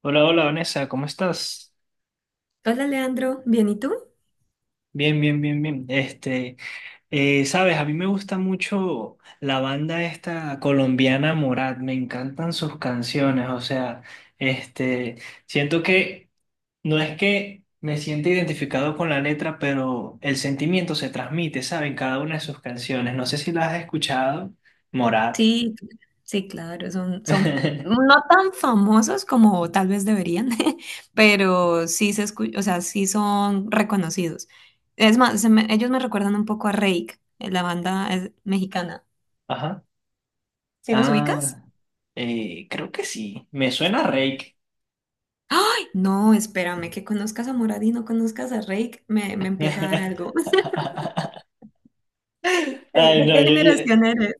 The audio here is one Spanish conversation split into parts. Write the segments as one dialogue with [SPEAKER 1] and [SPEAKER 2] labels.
[SPEAKER 1] Hola, hola Vanessa, ¿cómo estás?
[SPEAKER 2] Hola Leandro, ¿bien y tú?
[SPEAKER 1] Bien, bien, bien, bien. Sabes, a mí me gusta mucho la banda esta colombiana Morat, me encantan sus canciones, o sea, este, siento que no es que me sienta identificado con la letra, pero el sentimiento se transmite, ¿sabes? En cada una de sus canciones. No sé si la has escuchado, Morat.
[SPEAKER 2] Sí, sí, claro, son no tan famosos como tal vez deberían, pero sí se escu- o sea, sí son reconocidos. Es más, ellos me recuerdan un poco a Reik, la banda mexicana.
[SPEAKER 1] Ajá.
[SPEAKER 2] ¿Sí los ubicas?
[SPEAKER 1] Ah, Creo que sí, me suena a Reik.
[SPEAKER 2] ¡Ay! No, espérame, que conozcas a Morad y no conozcas a Reik, me empieza a dar algo.
[SPEAKER 1] Ay,
[SPEAKER 2] ¿De
[SPEAKER 1] no,
[SPEAKER 2] qué generación eres?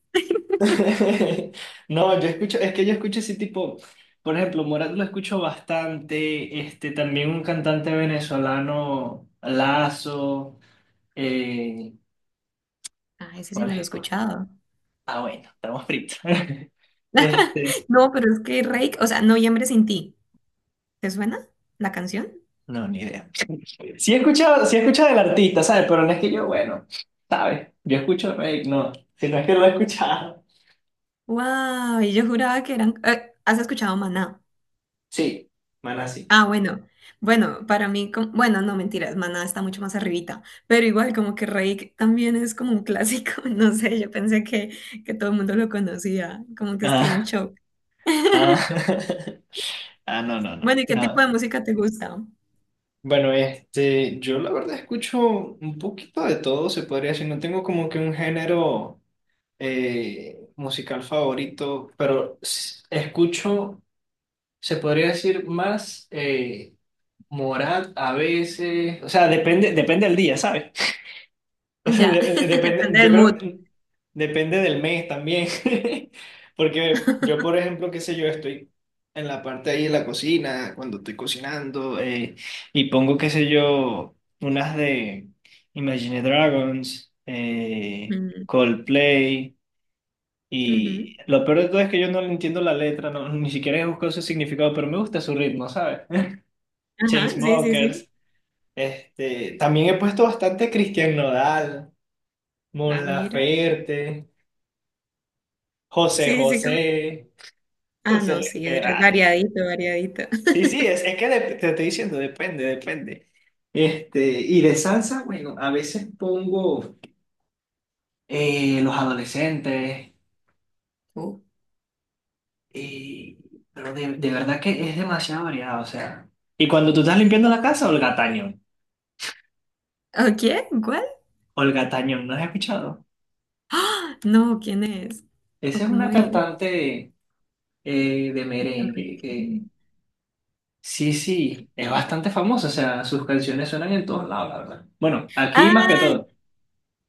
[SPEAKER 1] no, yo escucho, es que yo escucho ese tipo, por ejemplo, Morat lo escucho bastante, también un cantante venezolano, Lazo, eh,
[SPEAKER 2] Ah, ese sí
[SPEAKER 1] ¿cuál
[SPEAKER 2] no
[SPEAKER 1] es
[SPEAKER 2] lo he
[SPEAKER 1] el otro?
[SPEAKER 2] escuchado.
[SPEAKER 1] Ah, bueno, estamos fritos. Este,
[SPEAKER 2] No, pero es que Reik, o sea, Noviembre sin ti, ¿te suena la canción?
[SPEAKER 1] no, ni idea. Sí he escuchado del artista, ¿sabes? Pero no es que yo, bueno, ¿sabes? Yo escucho, no, si no es que lo he escuchado.
[SPEAKER 2] Wow, y yo juraba que eran. ¿Has escuchado Maná?
[SPEAKER 1] Sí, Maná sí.
[SPEAKER 2] Ah, bueno. Bueno, para mí, bueno, no mentiras, Maná está mucho más arribita, pero igual como que Reik también es como un clásico, no sé, yo pensé que todo el mundo lo conocía, como que estoy en
[SPEAKER 1] Ah,
[SPEAKER 2] shock.
[SPEAKER 1] ah, ah, no, no, no,
[SPEAKER 2] Bueno, ¿y qué tipo
[SPEAKER 1] no.
[SPEAKER 2] de música te gusta?
[SPEAKER 1] Bueno, yo la verdad escucho un poquito de todo, se podría decir. No tengo como que un género musical favorito, pero escucho, se podría decir más Morat a veces. O sea, depende, depende del día, ¿sabes?
[SPEAKER 2] Ya,
[SPEAKER 1] Depende,
[SPEAKER 2] depende
[SPEAKER 1] yo
[SPEAKER 2] del mood.
[SPEAKER 1] creo, depende del mes también, porque yo, por ejemplo, qué sé yo, estoy en la parte ahí de la cocina, cuando estoy cocinando, y pongo, qué sé yo, unas de Imagine Dragons,
[SPEAKER 2] Mm,
[SPEAKER 1] Coldplay, y
[SPEAKER 2] ujú.
[SPEAKER 1] lo peor de todo es que yo no le entiendo la letra, no, ni siquiera he buscado su significado, pero me gusta su ritmo, ¿sabes?
[SPEAKER 2] Ajá, sí, sí, sí.
[SPEAKER 1] Chainsmokers, también he puesto bastante Christian Nodal. Mon
[SPEAKER 2] Ah, mira.
[SPEAKER 1] Laferte, José
[SPEAKER 2] Sí, sí, como...
[SPEAKER 1] José,
[SPEAKER 2] Ah,
[SPEAKER 1] José
[SPEAKER 2] no,
[SPEAKER 1] Luis
[SPEAKER 2] sí, es
[SPEAKER 1] Perales.
[SPEAKER 2] variadito, variadito.
[SPEAKER 1] Sí, sí, es, es que dep- te estoy diciendo, depende, depende. Y de salsa, bueno, a veces pongo los adolescentes,
[SPEAKER 2] Oh.
[SPEAKER 1] y- pero de verdad que es demasiado variado, o sea. Y cuando tú estás limpiando la casa, Olga Tañón.
[SPEAKER 2] ¿O qué? ¿What?
[SPEAKER 1] Olga Tañón, ¿no has escuchado?
[SPEAKER 2] ¡Ah! No, ¿quién es? ¿O
[SPEAKER 1] Esa es una
[SPEAKER 2] cómo es?
[SPEAKER 1] cantante de merengue.
[SPEAKER 2] Torrentino.
[SPEAKER 1] Sí, sí, es bastante famoso, o sea, sus canciones suenan en todos lados, la verdad. Bueno, aquí más que
[SPEAKER 2] Ah,
[SPEAKER 1] todo.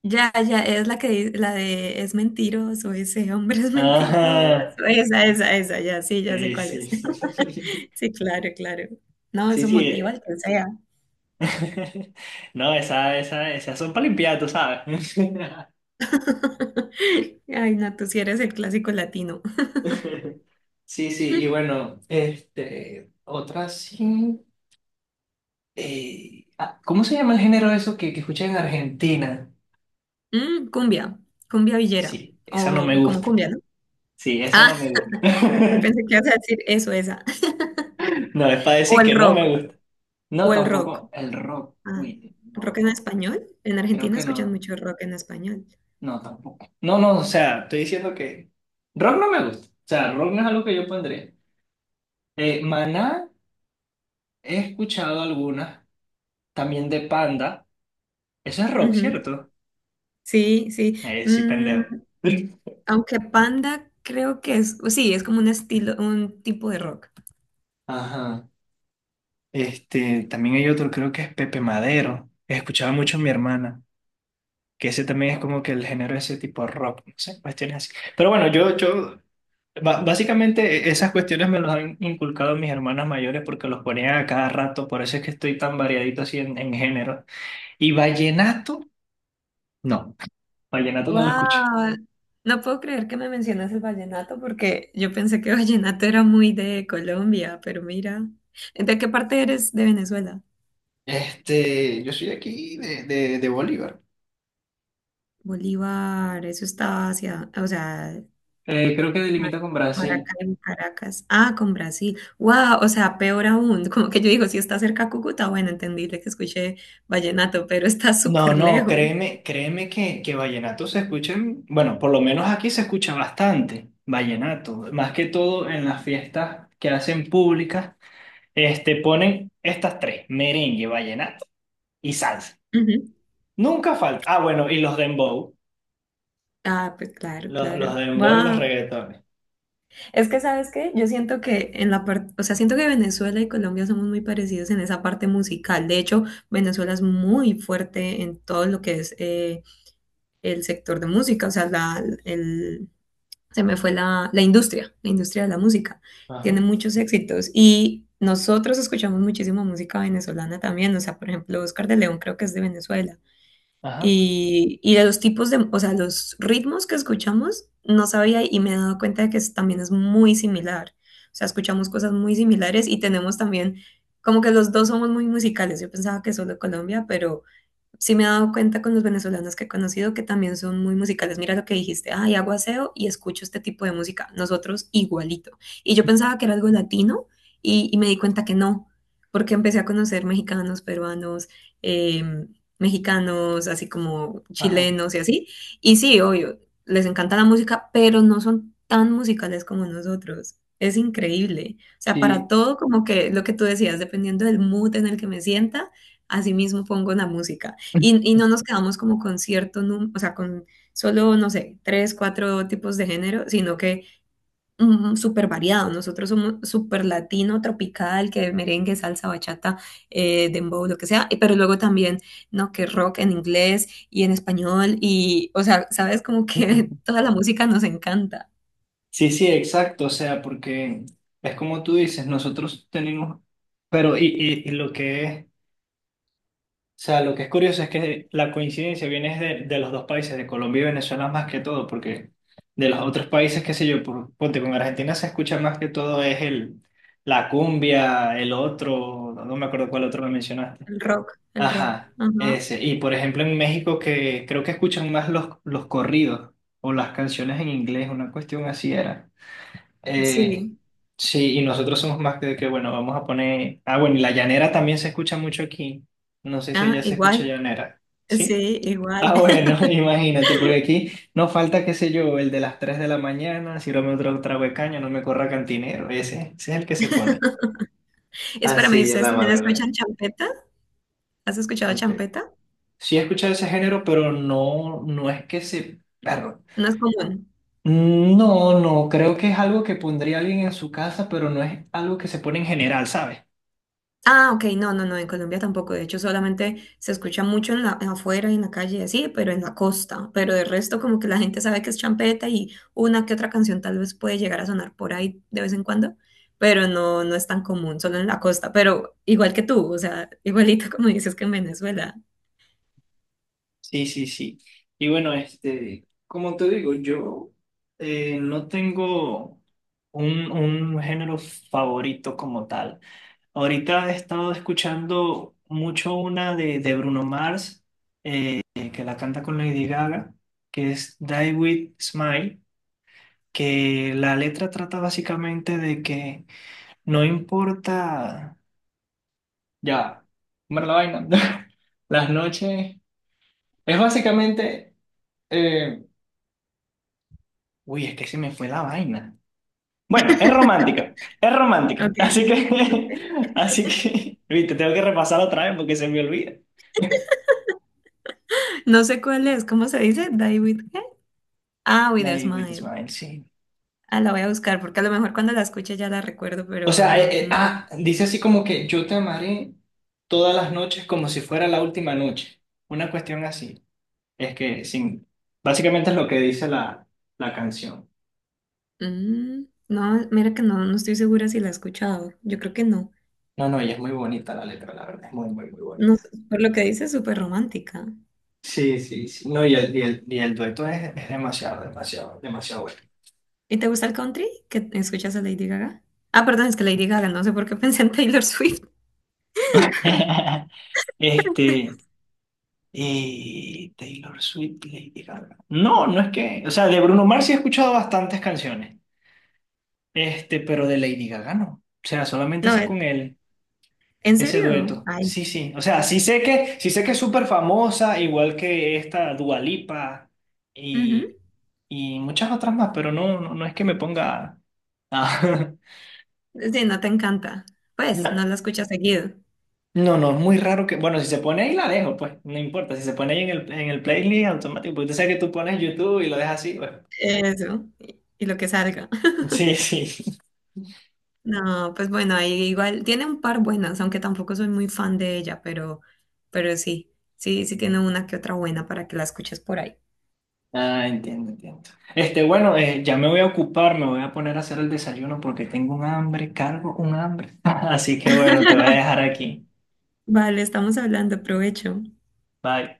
[SPEAKER 2] ya, ya, es la que di- la de es mentiroso, ese hombre es mentiroso.
[SPEAKER 1] Ajá,
[SPEAKER 2] Esa, ya, sí, ya sé cuál
[SPEAKER 1] sí,
[SPEAKER 2] es.
[SPEAKER 1] sí.
[SPEAKER 2] Sí, claro, claro. No,
[SPEAKER 1] Sí,
[SPEAKER 2] eso
[SPEAKER 1] sí.
[SPEAKER 2] motiva al que sea.
[SPEAKER 1] No, esa, esas son para limpiar, tú sabes.
[SPEAKER 2] Ay, no, tú sí eres el clásico latino.
[SPEAKER 1] Sí, sí, y bueno, otra sí. ¿Cómo se llama el género eso que escuchan en Argentina?
[SPEAKER 2] Mm, cumbia, cumbia villera,
[SPEAKER 1] Sí, esa no me
[SPEAKER 2] o como
[SPEAKER 1] gusta.
[SPEAKER 2] cumbia, ¿no?
[SPEAKER 1] Sí, esa
[SPEAKER 2] Ah,
[SPEAKER 1] no me gusta.
[SPEAKER 2] pensé que ibas a decir eso, esa.
[SPEAKER 1] No, es para
[SPEAKER 2] O
[SPEAKER 1] decir
[SPEAKER 2] el
[SPEAKER 1] que no
[SPEAKER 2] rock,
[SPEAKER 1] me gusta. No,
[SPEAKER 2] o el rock.
[SPEAKER 1] tampoco el rock.
[SPEAKER 2] Ah,
[SPEAKER 1] Uy, no,
[SPEAKER 2] rock en
[SPEAKER 1] no.
[SPEAKER 2] español. En
[SPEAKER 1] Creo
[SPEAKER 2] Argentina
[SPEAKER 1] que
[SPEAKER 2] escuchan
[SPEAKER 1] no.
[SPEAKER 2] mucho rock en español.
[SPEAKER 1] No, tampoco. No, no, o sea, estoy diciendo que rock no me gusta. O sea, rock no es algo que yo pondría. Maná, he escuchado algunas. También de Panda. Eso es rock,
[SPEAKER 2] Ujú,
[SPEAKER 1] ¿cierto?
[SPEAKER 2] sí, sí.
[SPEAKER 1] Sí, pendejo.
[SPEAKER 2] Mm, aunque Panda creo que es, sí, es como un estilo, un tipo de rock.
[SPEAKER 1] Ajá. También hay otro, creo que es Pepe Madero. Escuchaba mucho a mi hermana. Que ese también es como que el género de ese tipo de rock, no sé, cuestiones así. Pero bueno, básicamente esas cuestiones me las han inculcado mis hermanas mayores porque los ponían a cada rato, por eso es que estoy tan variadito así en género. Y no, vallenato no lo escucho.
[SPEAKER 2] Wow, no puedo creer que me mencionas el vallenato porque yo pensé que vallenato era muy de Colombia, pero mira, ¿de qué parte eres de Venezuela?
[SPEAKER 1] Yo soy de aquí, de Bolívar.
[SPEAKER 2] Bolívar, eso está hacia, o sea,
[SPEAKER 1] Creo que
[SPEAKER 2] Ma-
[SPEAKER 1] delimita con Brasil.
[SPEAKER 2] Maracaibo, Caracas. Ah, con Brasil. Wow, o sea, peor aún. Como que yo digo, si está cerca a Cúcuta, bueno, entendible que escuché vallenato, pero está
[SPEAKER 1] No,
[SPEAKER 2] súper
[SPEAKER 1] no,
[SPEAKER 2] lejos.
[SPEAKER 1] créeme, créeme que vallenato se escucha, bueno, por lo menos aquí se escucha bastante vallenato, más que todo en las fiestas que hacen públicas, ponen estas tres, merengue, vallenato y salsa.
[SPEAKER 2] Ujú.
[SPEAKER 1] Nunca falta. Ah, bueno, y los dembow,
[SPEAKER 2] Ah, pues claro,
[SPEAKER 1] los
[SPEAKER 2] claro.
[SPEAKER 1] dembow y los
[SPEAKER 2] Wow.
[SPEAKER 1] reggaetones.
[SPEAKER 2] Es que, ¿sabes qué? Yo siento que en la parte, o sea, siento que Venezuela y Colombia somos muy parecidos en esa parte musical. De hecho, Venezuela es muy fuerte en todo lo que es el sector de música, o sea, se me fue la industria de la música. Tiene
[SPEAKER 1] Ajá,
[SPEAKER 2] muchos éxitos y nosotros escuchamos muchísima música venezolana también, o sea, por ejemplo, Oscar de León creo que es de Venezuela.
[SPEAKER 1] ajá,
[SPEAKER 2] Y de los tipos de, o sea, los ritmos que escuchamos, no sabía y me he dado cuenta de que también es muy similar. O sea, escuchamos cosas muy similares y tenemos también, como que los dos somos muy musicales. Yo pensaba que solo Colombia, pero sí me he dado cuenta con los venezolanos que he conocido que también son muy musicales. Mira lo que dijiste, ay, hago aseo y escucho este tipo de música. Nosotros igualito. Y yo pensaba que era algo latino y me di cuenta que no, porque empecé a conocer mexicanos, peruanos, eh, mexicanos, así como
[SPEAKER 1] ajá.
[SPEAKER 2] chilenos y así. Y sí, obvio, les encanta la música, pero no son tan musicales como nosotros. Es increíble. O sea, para
[SPEAKER 1] Sí.
[SPEAKER 2] todo, como que lo que tú decías, dependiendo del mood en el que me sienta, así mismo pongo la música. Y no nos quedamos como con cierto número, o sea, con solo, no sé, tres, cuatro tipos de género, sino que súper variado. Nosotros somos súper latino, tropical, que merengue, salsa, bachata, dembow, lo que sea, pero luego también, ¿no? Que rock en inglés y en español, y, o sea, sabes, como que toda la música nos encanta.
[SPEAKER 1] Sí, sí, exacto, o sea, porque es como tú dices, nosotros tenemos, pero y lo que es sea, lo que es curioso es que la coincidencia viene es de los dos países, de Colombia y Venezuela más que todo, porque de los otros países, qué sé yo, ponte con Argentina se escucha más que todo es la cumbia, el otro, no me acuerdo cuál otro me mencionaste.
[SPEAKER 2] El rock, el rock.
[SPEAKER 1] Ajá,
[SPEAKER 2] Ajá.
[SPEAKER 1] ese. Y por ejemplo en México que creo que escuchan más los corridos o las canciones en inglés, una cuestión así era. Eh,
[SPEAKER 2] Sí.
[SPEAKER 1] sí, y nosotros somos más de que, bueno, vamos a poner... Ah, bueno, y la llanera también se escucha mucho aquí. No sé si
[SPEAKER 2] Ah,
[SPEAKER 1] allá se escucha
[SPEAKER 2] igual.
[SPEAKER 1] llanera. ¿Sí?
[SPEAKER 2] Sí, igual.
[SPEAKER 1] Ah, bueno, imagínate, porque aquí no falta, qué sé yo, el de las 3 de la mañana, sírvame otro trago de caña, no me corra cantinero. Ese es el que se pone.
[SPEAKER 2] Espérame, ¿y
[SPEAKER 1] Así en
[SPEAKER 2] ¿ustedes
[SPEAKER 1] la
[SPEAKER 2] también
[SPEAKER 1] madrugada.
[SPEAKER 2] escuchan champeta? ¿Has escuchado
[SPEAKER 1] Champeta.
[SPEAKER 2] champeta?
[SPEAKER 1] Sí he escuchado ese género, pero no, no es que se... perro
[SPEAKER 2] No es común.
[SPEAKER 1] no, no, creo que es algo que pondría alguien en su casa, pero no es algo que se pone en general, ¿sabes?
[SPEAKER 2] Ah, ok, no, no, no, en Colombia tampoco. De hecho, solamente se escucha mucho en la, afuera, y en la calle, así, pero en la costa. Pero de resto, como que la gente sabe que es champeta y una que otra canción tal vez puede llegar a sonar por ahí de vez en cuando, pero no, no es tan común, solo en la costa. Pero igual que tú, o sea, igualito como dices que en Venezuela.
[SPEAKER 1] Sí, sí, sí. Y bueno, como te digo, yo no tengo un género favorito como tal. Ahorita he estado escuchando mucho una de Bruno Mars, que la canta con Lady Gaga, que es Die With Smile, que la letra trata básicamente de que no importa ya, comer la vaina, las noches, es básicamente... eh, uy, es que se me fue la vaina. Bueno, es romántica, es romántica.
[SPEAKER 2] Ok.
[SPEAKER 1] Así
[SPEAKER 2] Ok.
[SPEAKER 1] que, así que, viste, tengo que repasarla otra vez porque se me olvida.
[SPEAKER 2] No sé cuál es, ¿cómo se dice? Die with ¿qué? Ah, with
[SPEAKER 1] La
[SPEAKER 2] a
[SPEAKER 1] de Wait a
[SPEAKER 2] smile.
[SPEAKER 1] Smile, sí.
[SPEAKER 2] Ah, la voy a buscar porque a lo mejor cuando la escuche ya la recuerdo,
[SPEAKER 1] O
[SPEAKER 2] pero
[SPEAKER 1] sea,
[SPEAKER 2] no,
[SPEAKER 1] dice así como que yo te amaré todas las noches como si fuera la última noche. Una cuestión así. Es que, sin, básicamente es lo que dice la canción.
[SPEAKER 2] mm, no, mira que no, no estoy segura si la he escuchado. Yo creo que no.
[SPEAKER 1] No, no, y es muy bonita la letra, la verdad, es muy, muy, muy
[SPEAKER 2] No, sé,
[SPEAKER 1] bonita.
[SPEAKER 2] por lo que dices, súper romántica.
[SPEAKER 1] Sí, sí, sí. No, y el dueto es demasiado, demasiado, demasiado bueno.
[SPEAKER 2] ¿Y te gusta el country? ¿Que escuchas a Lady Gaga? Ah, perdón, es que Lady Gaga, no sé por qué pensé en Taylor Swift.
[SPEAKER 1] Este, y Taylor Swift, Lady Gaga. No, no es que, o sea, de Bruno Mars sí he escuchado bastantes canciones, pero de Lady Gaga no. O sea, solamente
[SPEAKER 2] No,
[SPEAKER 1] esa con él,
[SPEAKER 2] ¿en
[SPEAKER 1] ese
[SPEAKER 2] serio?
[SPEAKER 1] dueto.
[SPEAKER 2] Ay.
[SPEAKER 1] Sí, sí. O sea, sí sé que es súper famosa, igual que esta Dua Lipa
[SPEAKER 2] Ujú.
[SPEAKER 1] y, y muchas otras más, pero no, no, no es que me ponga a,
[SPEAKER 2] Sí, no te encanta. Pues,
[SPEAKER 1] No.
[SPEAKER 2] no la escuchas seguido.
[SPEAKER 1] No, no, es muy raro que. Bueno, si se pone ahí, la dejo, pues. No importa. Si se pone ahí en el playlist automático, porque tú sabes que tú pones YouTube y lo dejas así, pues.
[SPEAKER 2] Eso, y lo que salga.
[SPEAKER 1] Sí, sí.
[SPEAKER 2] No, pues bueno, ahí igual tiene un par buenas, aunque tampoco soy muy fan de ella, pero sí, sí, sí tiene una que otra buena para que la escuches por ahí.
[SPEAKER 1] Ah, entiendo, entiendo. Bueno, ya me voy a ocupar, me voy a poner a hacer el desayuno porque tengo un hambre, cargo un hambre. Así que bueno, te voy a dejar aquí.
[SPEAKER 2] Vale, estamos hablando, provecho.
[SPEAKER 1] Bye.